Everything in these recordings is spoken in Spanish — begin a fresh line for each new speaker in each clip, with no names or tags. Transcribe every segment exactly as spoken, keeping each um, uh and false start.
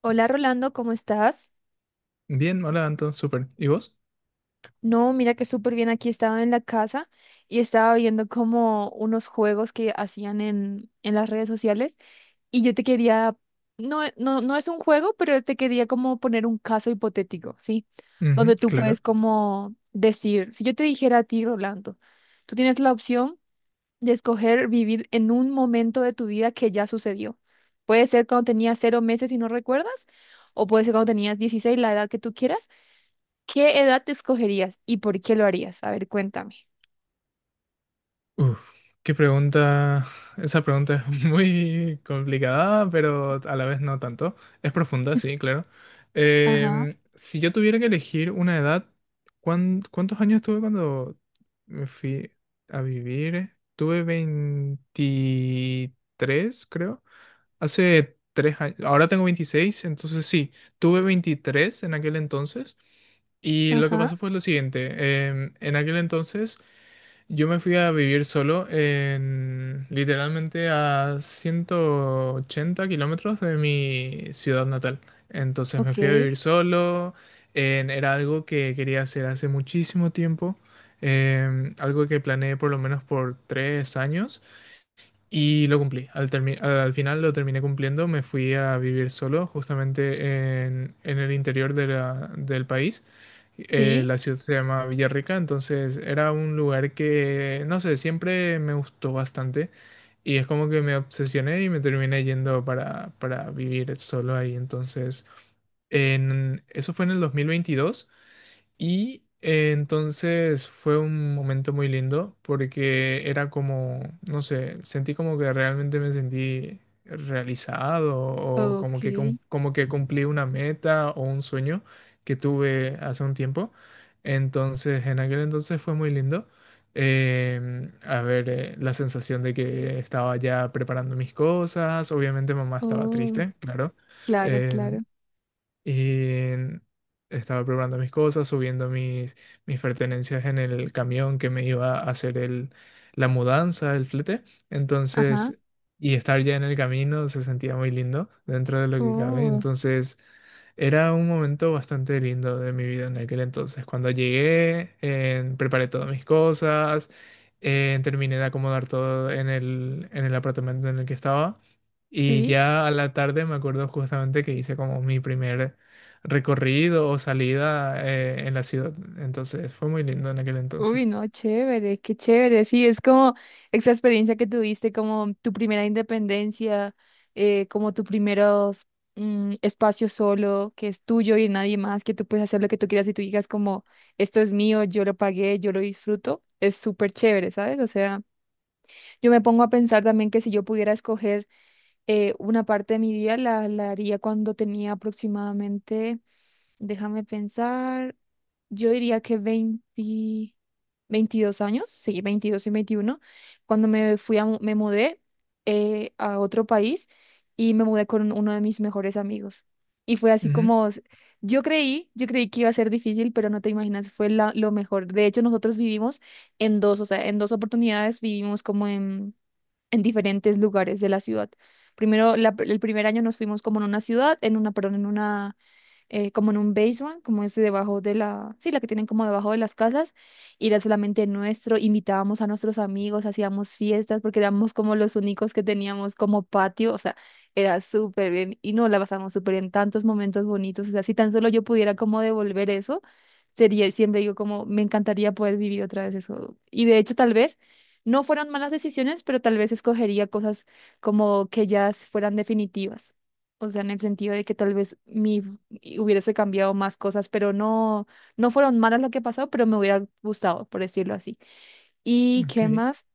Hola Rolando, ¿cómo estás?
Bien, hola Anton, súper. ¿Y vos?
No, mira que súper bien. Aquí estaba en la casa y estaba viendo como unos juegos que hacían en, en las redes sociales y yo te quería, no, no, no es un juego, pero te quería como poner un caso hipotético, ¿sí?
Ujú,
Donde tú puedes
claro.
como decir, si yo te dijera a ti, Rolando, tú tienes la opción de escoger vivir en un momento de tu vida que ya sucedió. Puede ser cuando tenías cero meses y no recuerdas, o puede ser cuando tenías dieciséis, la edad que tú quieras. ¿Qué edad te escogerías y por qué lo harías? A ver, cuéntame.
Uf, qué pregunta. Esa pregunta es muy complicada, pero a la vez no tanto. Es profunda, sí, claro.
Ajá,
Em, si yo tuviera que elegir una edad, ¿cuán- ¿cuántos años tuve cuando me fui a vivir? Tuve veintitrés, creo. Hace tres años. Ahora tengo veintiséis, entonces sí, tuve veintitrés en aquel entonces. Y lo que
ajá,
pasó fue lo siguiente, em, en aquel entonces yo me fui a vivir solo, en literalmente a ciento ochenta kilómetros de mi ciudad natal. Entonces me
ok,
fui a vivir solo, en- era algo que quería hacer hace muchísimo tiempo, em, algo que planeé por lo menos por tres años y lo cumplí. Al, termi- al final lo terminé cumpliendo, me fui a vivir solo justamente en, en el interior de la- del país. Eh,
sí,
la ciudad se llama Villarrica, entonces era un lugar que, no sé, siempre me gustó bastante y es como que me obsesioné y me terminé yendo para, para vivir solo ahí. Entonces, en, eso fue en el dos mil veintidós y eh, entonces fue un momento muy lindo porque era como, no sé, sentí como que realmente me sentí realizado o
ok,
como que, cum- como que cumplí una meta o un sueño que tuve hace un tiempo. Entonces, en aquel entonces fue muy lindo. Em, a ver, eh, la sensación de que estaba ya preparando mis cosas. Obviamente mamá estaba
oh,
triste, claro.
claro, claro,
Y estaba preparando mis cosas, subiendo mis, mis pertenencias en el camión que me iba a hacer el, la mudanza, el flete.
ajá,
Entonces, y estar ya en el camino se sentía muy lindo dentro de lo que cabe.
oh,
Entonces, era un momento bastante lindo de mi vida en aquel entonces. Cuando llegué, eh, preparé todas mis cosas. Eh, terminé de acomodar todo en el, en el apartamento en el que estaba. Y
sí,
ya a la tarde me acuerdo justamente que hice como mi primer recorrido o salida eh, en la ciudad. Entonces fue muy lindo en aquel
uy,
entonces.
no, chévere, qué chévere, sí, es como esa experiencia que tuviste, como tu primera independencia, eh, como tu primeros mm, espacio solo, que es tuyo y de nadie más, que tú puedes hacer lo que tú quieras y tú digas como, esto es mío, yo lo pagué, yo lo disfruto, es súper chévere, ¿sabes? O sea... Yo me pongo a pensar también que si yo pudiera escoger eh, una parte de mi vida, la, la haría cuando tenía aproximadamente, déjame pensar, yo diría que veinte, veintidós años, sí, veintidós y veintiuno cuando me fui a, mu- me mudé eh, a otro país y me mudé con uno de mis mejores amigos. Y fue así
Ujú,
como, yo creí, yo creí que iba a ser difícil, pero no te imaginas, fue la- lo mejor. De hecho, nosotros vivimos en dos, o sea, en dos oportunidades vivimos como en en diferentes lugares de la ciudad. Primero, la pr- el primer año nos fuimos como en una ciudad, en una, perdón, en una eh, como en un basement, como es debajo de la, sí, la que tienen como debajo de las casas, y era solamente nuestro, invitábamos a nuestros amigos, hacíamos fiestas, porque éramos como los únicos que teníamos como patio, o sea, era súper bien, y no la pasamos súper bien, tantos momentos bonitos, o sea, si tan solo yo pudiera como devolver eso, sería, siempre digo como, me encantaría poder vivir otra vez eso, y de hecho tal vez... No fueron malas decisiones, pero tal vez escogería cosas como que ya fueran definitivas. O sea, en el sentido de que tal vez mi y hubiese cambiado más cosas, pero no, no fueron malas lo que pasó, pero me hubiera gustado, por decirlo así. ¿Y qué
ok.
más?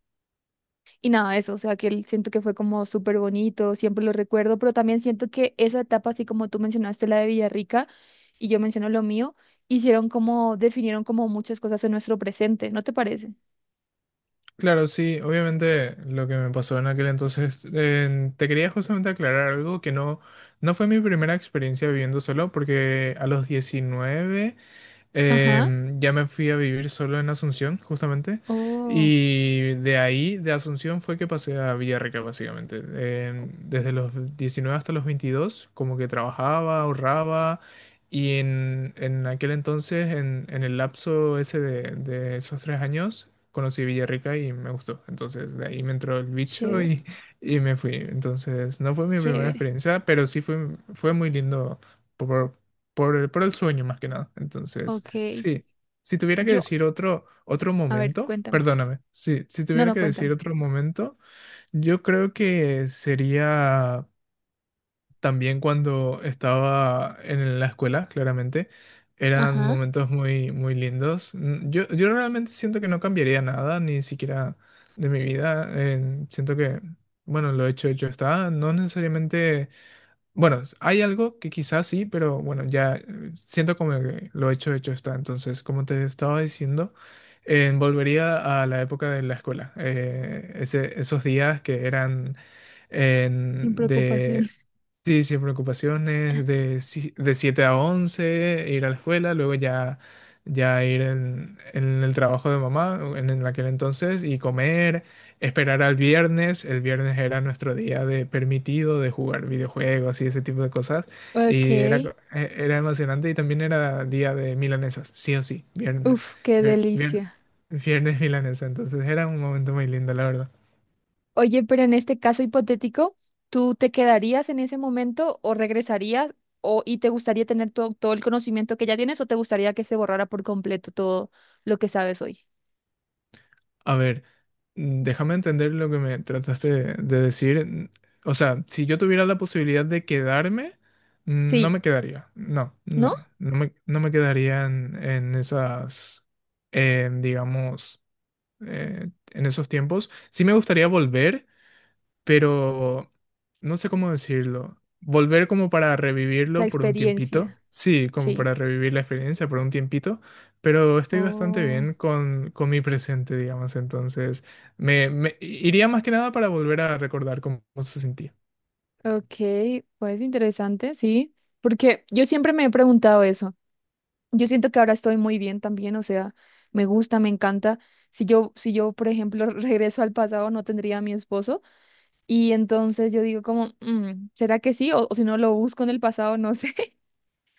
Y nada, eso, o sea, que el- siento que fue como súper bonito, siempre lo recuerdo, pero también siento que esa etapa, así como tú mencionaste la de Villarrica y yo menciono lo mío, hicieron como, definieron como muchas cosas en nuestro presente, ¿no te parece?
Claro, sí, obviamente lo que me pasó en aquel entonces, eh, te quería justamente aclarar algo que no, no fue mi primera experiencia viviendo solo, porque a los diecinueve.
Ajá.
Em, ya me fui a vivir solo en Asunción, justamente.
Oh,
Y de ahí, de Asunción, fue que pasé a Villarrica, básicamente.
oh,
Em, desde los diecinueve hasta los veintidós como que trabajaba, ahorraba. Y en, en aquel entonces, en, en el lapso ese de, de esos tres años, conocí Villarrica y me gustó. Entonces, de ahí me entró el bicho
chévere,
y, y me fui. Entonces, no fue mi primera
chévere.
experiencia, pero sí fue, fue muy lindo por, por el, por el sueño más que nada. Entonces,
Ok.
sí, si tuviera que
Yo,
decir otro, otro
A ver,
momento,
cuéntame.
perdóname, sí, si
No,
tuviera
no,
que decir
cuéntame.
otro momento, yo creo que sería también cuando estaba en la escuela, claramente. Eran
Ajá,
momentos muy, muy lindos. Mm, Yo, yo realmente siento que no cambiaría nada, ni siquiera de mi vida. Eh, siento que, bueno, lo hecho, hecho está. No necesariamente, bueno, s- hay algo que quizás sí, pero bueno, ya eh, siento como que lo hecho, hecho está. Entonces, como te estaba diciendo, eh, volvería a la época de la escuela. Eh, ese- esos días que eran,
sin
en-
preocupación.
de, sí, sin preocupaciones, de, si- de siete a once ir a la escuela, luego ya, ya ir en, en el trabajo de mamá en, en aquel entonces y comer, esperar al viernes. El viernes era nuestro día de permitido de jugar videojuegos y ese tipo de cosas.
Ok.
Y era, co- e- era emocionante y también era día de milanesas, sí o sí, viernes.
Uf, qué
vier- vier-
delicia.
viernes milanesa, entonces era un momento muy lindo, la verdad.
Oye, pero en este caso hipotético, ¿tú te quedarías en ese momento o regresarías o y te gustaría tener todo, todo el conocimiento que ya tienes o te gustaría que se borrara por completo todo lo que sabes hoy?
A ver. Mm, Déjame entender lo que me trataste de, de decir. Mm, O sea, si yo tuviera la posibilidad de quedarme, mm, no
Sí,
me quedaría. No,
¿no?
no, no me, no me quedaría en, en esas, eh, digamos, eh, en esos tiempos. Sí me gustaría volver, pero no sé cómo decirlo. Volver como para
La
revivirlo por un tiempito.
experiencia.
Sí, como
Sí.
para revivir la experiencia por un tiempito, pero estoy bastante
Oh,
bien con, con mi presente, digamos. Entonces, me, me iría más que nada para volver a recordar cómo, cómo se sentía.
ok, pues interesante, sí. Porque yo siempre me he preguntado eso. Yo siento que ahora estoy muy bien también, o sea, me gusta, me encanta. Si yo, si yo, por ejemplo, regreso al pasado, no tendría a mi esposo. Y entonces yo digo como, "Mm, ¿será que sí? O, o si no lo busco en el pasado, no sé,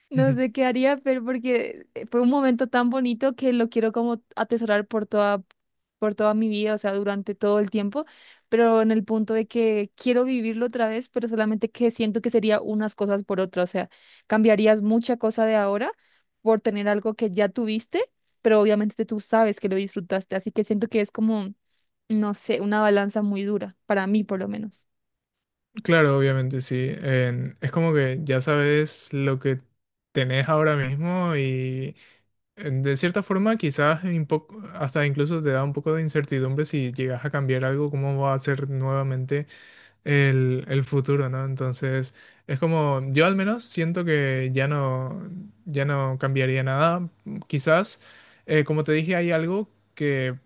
no sé qué haría, pero porque eh, fue un momento tan bonito que lo quiero como atesorar por toda, por toda mi vida, o sea, durante todo el tiempo, pero en el punto de que quiero vivirlo otra vez, pero solamente que siento que sería unas cosas por otras, o sea, cambiarías mucha cosa de ahora por tener algo que ya tuviste, pero obviamente tú sabes que lo disfrutaste, así que siento que es como, no sé, una balanza muy dura, para mí por lo menos.
Claro, obviamente sí. En- es como que ya sabes lo que tenés ahora mismo y, en- de cierta forma, quizás un poco, hasta incluso te da un poco de incertidumbre si llegas a cambiar algo, cómo va a ser nuevamente el, el futuro, ¿no? Entonces, es como, yo al menos siento que ya no, ya no cambiaría nada. mm, Quizás, eh, como te dije, hay algo que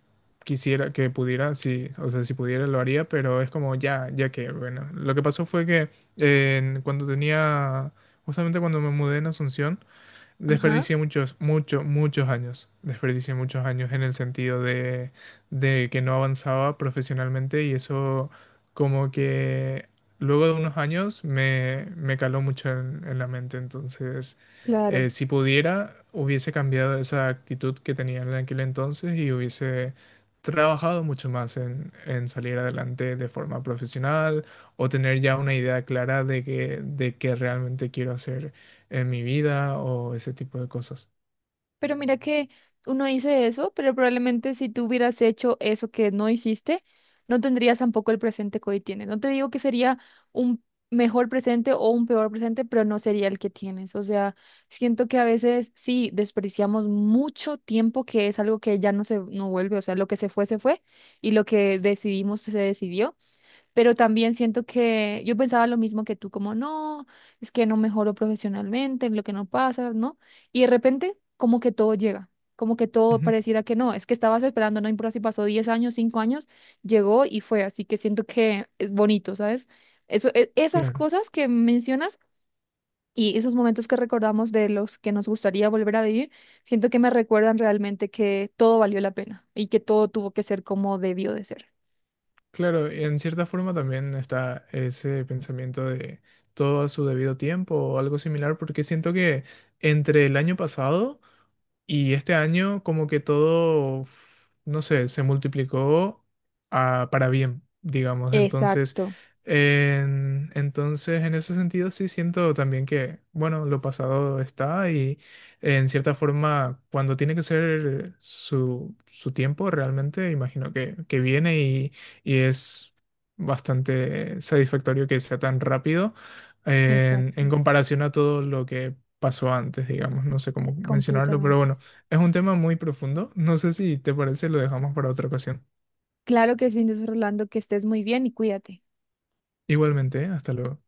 quisiera, que pudiera, sí, o sea, si pudiera lo haría, pero es como, ya, ya que, bueno, lo que pasó fue que en- cuando tenía, justamente cuando me mudé en Asunción,
Ajá,
desperdicié muchos, muchos, muchos años. Desperdicié muchos años en el sentido de, de que no avanzaba profesionalmente y eso como que luego de unos años me, me caló mucho en, en la mente. Entonces,
claro.
eh, si pudiera, hubiese cambiado esa actitud que tenía en aquel entonces y hubiese trabajado mucho más en, en salir adelante de forma profesional, o tener ya una idea clara de que, de qué realmente quiero hacer en mi vida o ese tipo de cosas.
Pero mira que uno dice eso, pero probablemente si tú hubieras hecho eso que no hiciste, no tendrías tampoco el presente que hoy tienes. No te digo que sería un mejor presente o un peor presente, pero no sería el que tienes. O sea, siento que a veces sí desperdiciamos mucho tiempo, que es algo que ya no se no vuelve. O sea, lo que se fue, se fue, y lo que decidimos, se decidió. Pero también siento que yo pensaba lo mismo que tú, como no, es que no mejoro profesionalmente, lo que no pasa, ¿no? Y de repente, como que todo llega, como que todo
Ujú,
pareciera que no, es que estabas esperando, no importa si pasó diez años, cinco años, llegó y fue, así que siento que es bonito, ¿sabes? Eso, e- esas
claro,
cosas que mencionas y esos momentos que recordamos de los que nos gustaría volver a vivir, siento que me recuerdan realmente que todo valió la pena y que todo tuvo que ser como debió de ser.
claro, y en cierta forma también está ese pensamiento de todo a su debido tiempo o algo similar, porque siento que entre el año pasado y este año como que todo, f- no sé, se multiplicó, a- para bien, digamos. Entonces,
Exacto,
en, entonces, en ese sentido sí siento también que, bueno, lo pasado está y en cierta forma, cuando tiene que ser su, su tiempo, realmente imagino que, que viene y, y es bastante satisfactorio que sea tan rápido en,
exacto.
en comparación a todo lo que pasó antes, digamos. No sé cómo mencionarlo, pero
Completamente.
bueno. Es un tema muy profundo. No sé si te parece, lo dejamos para otra ocasión.
Claro que sí, Inés Rolando, que estés muy bien y cuídate.
Igualmente, ¿eh? Hasta luego.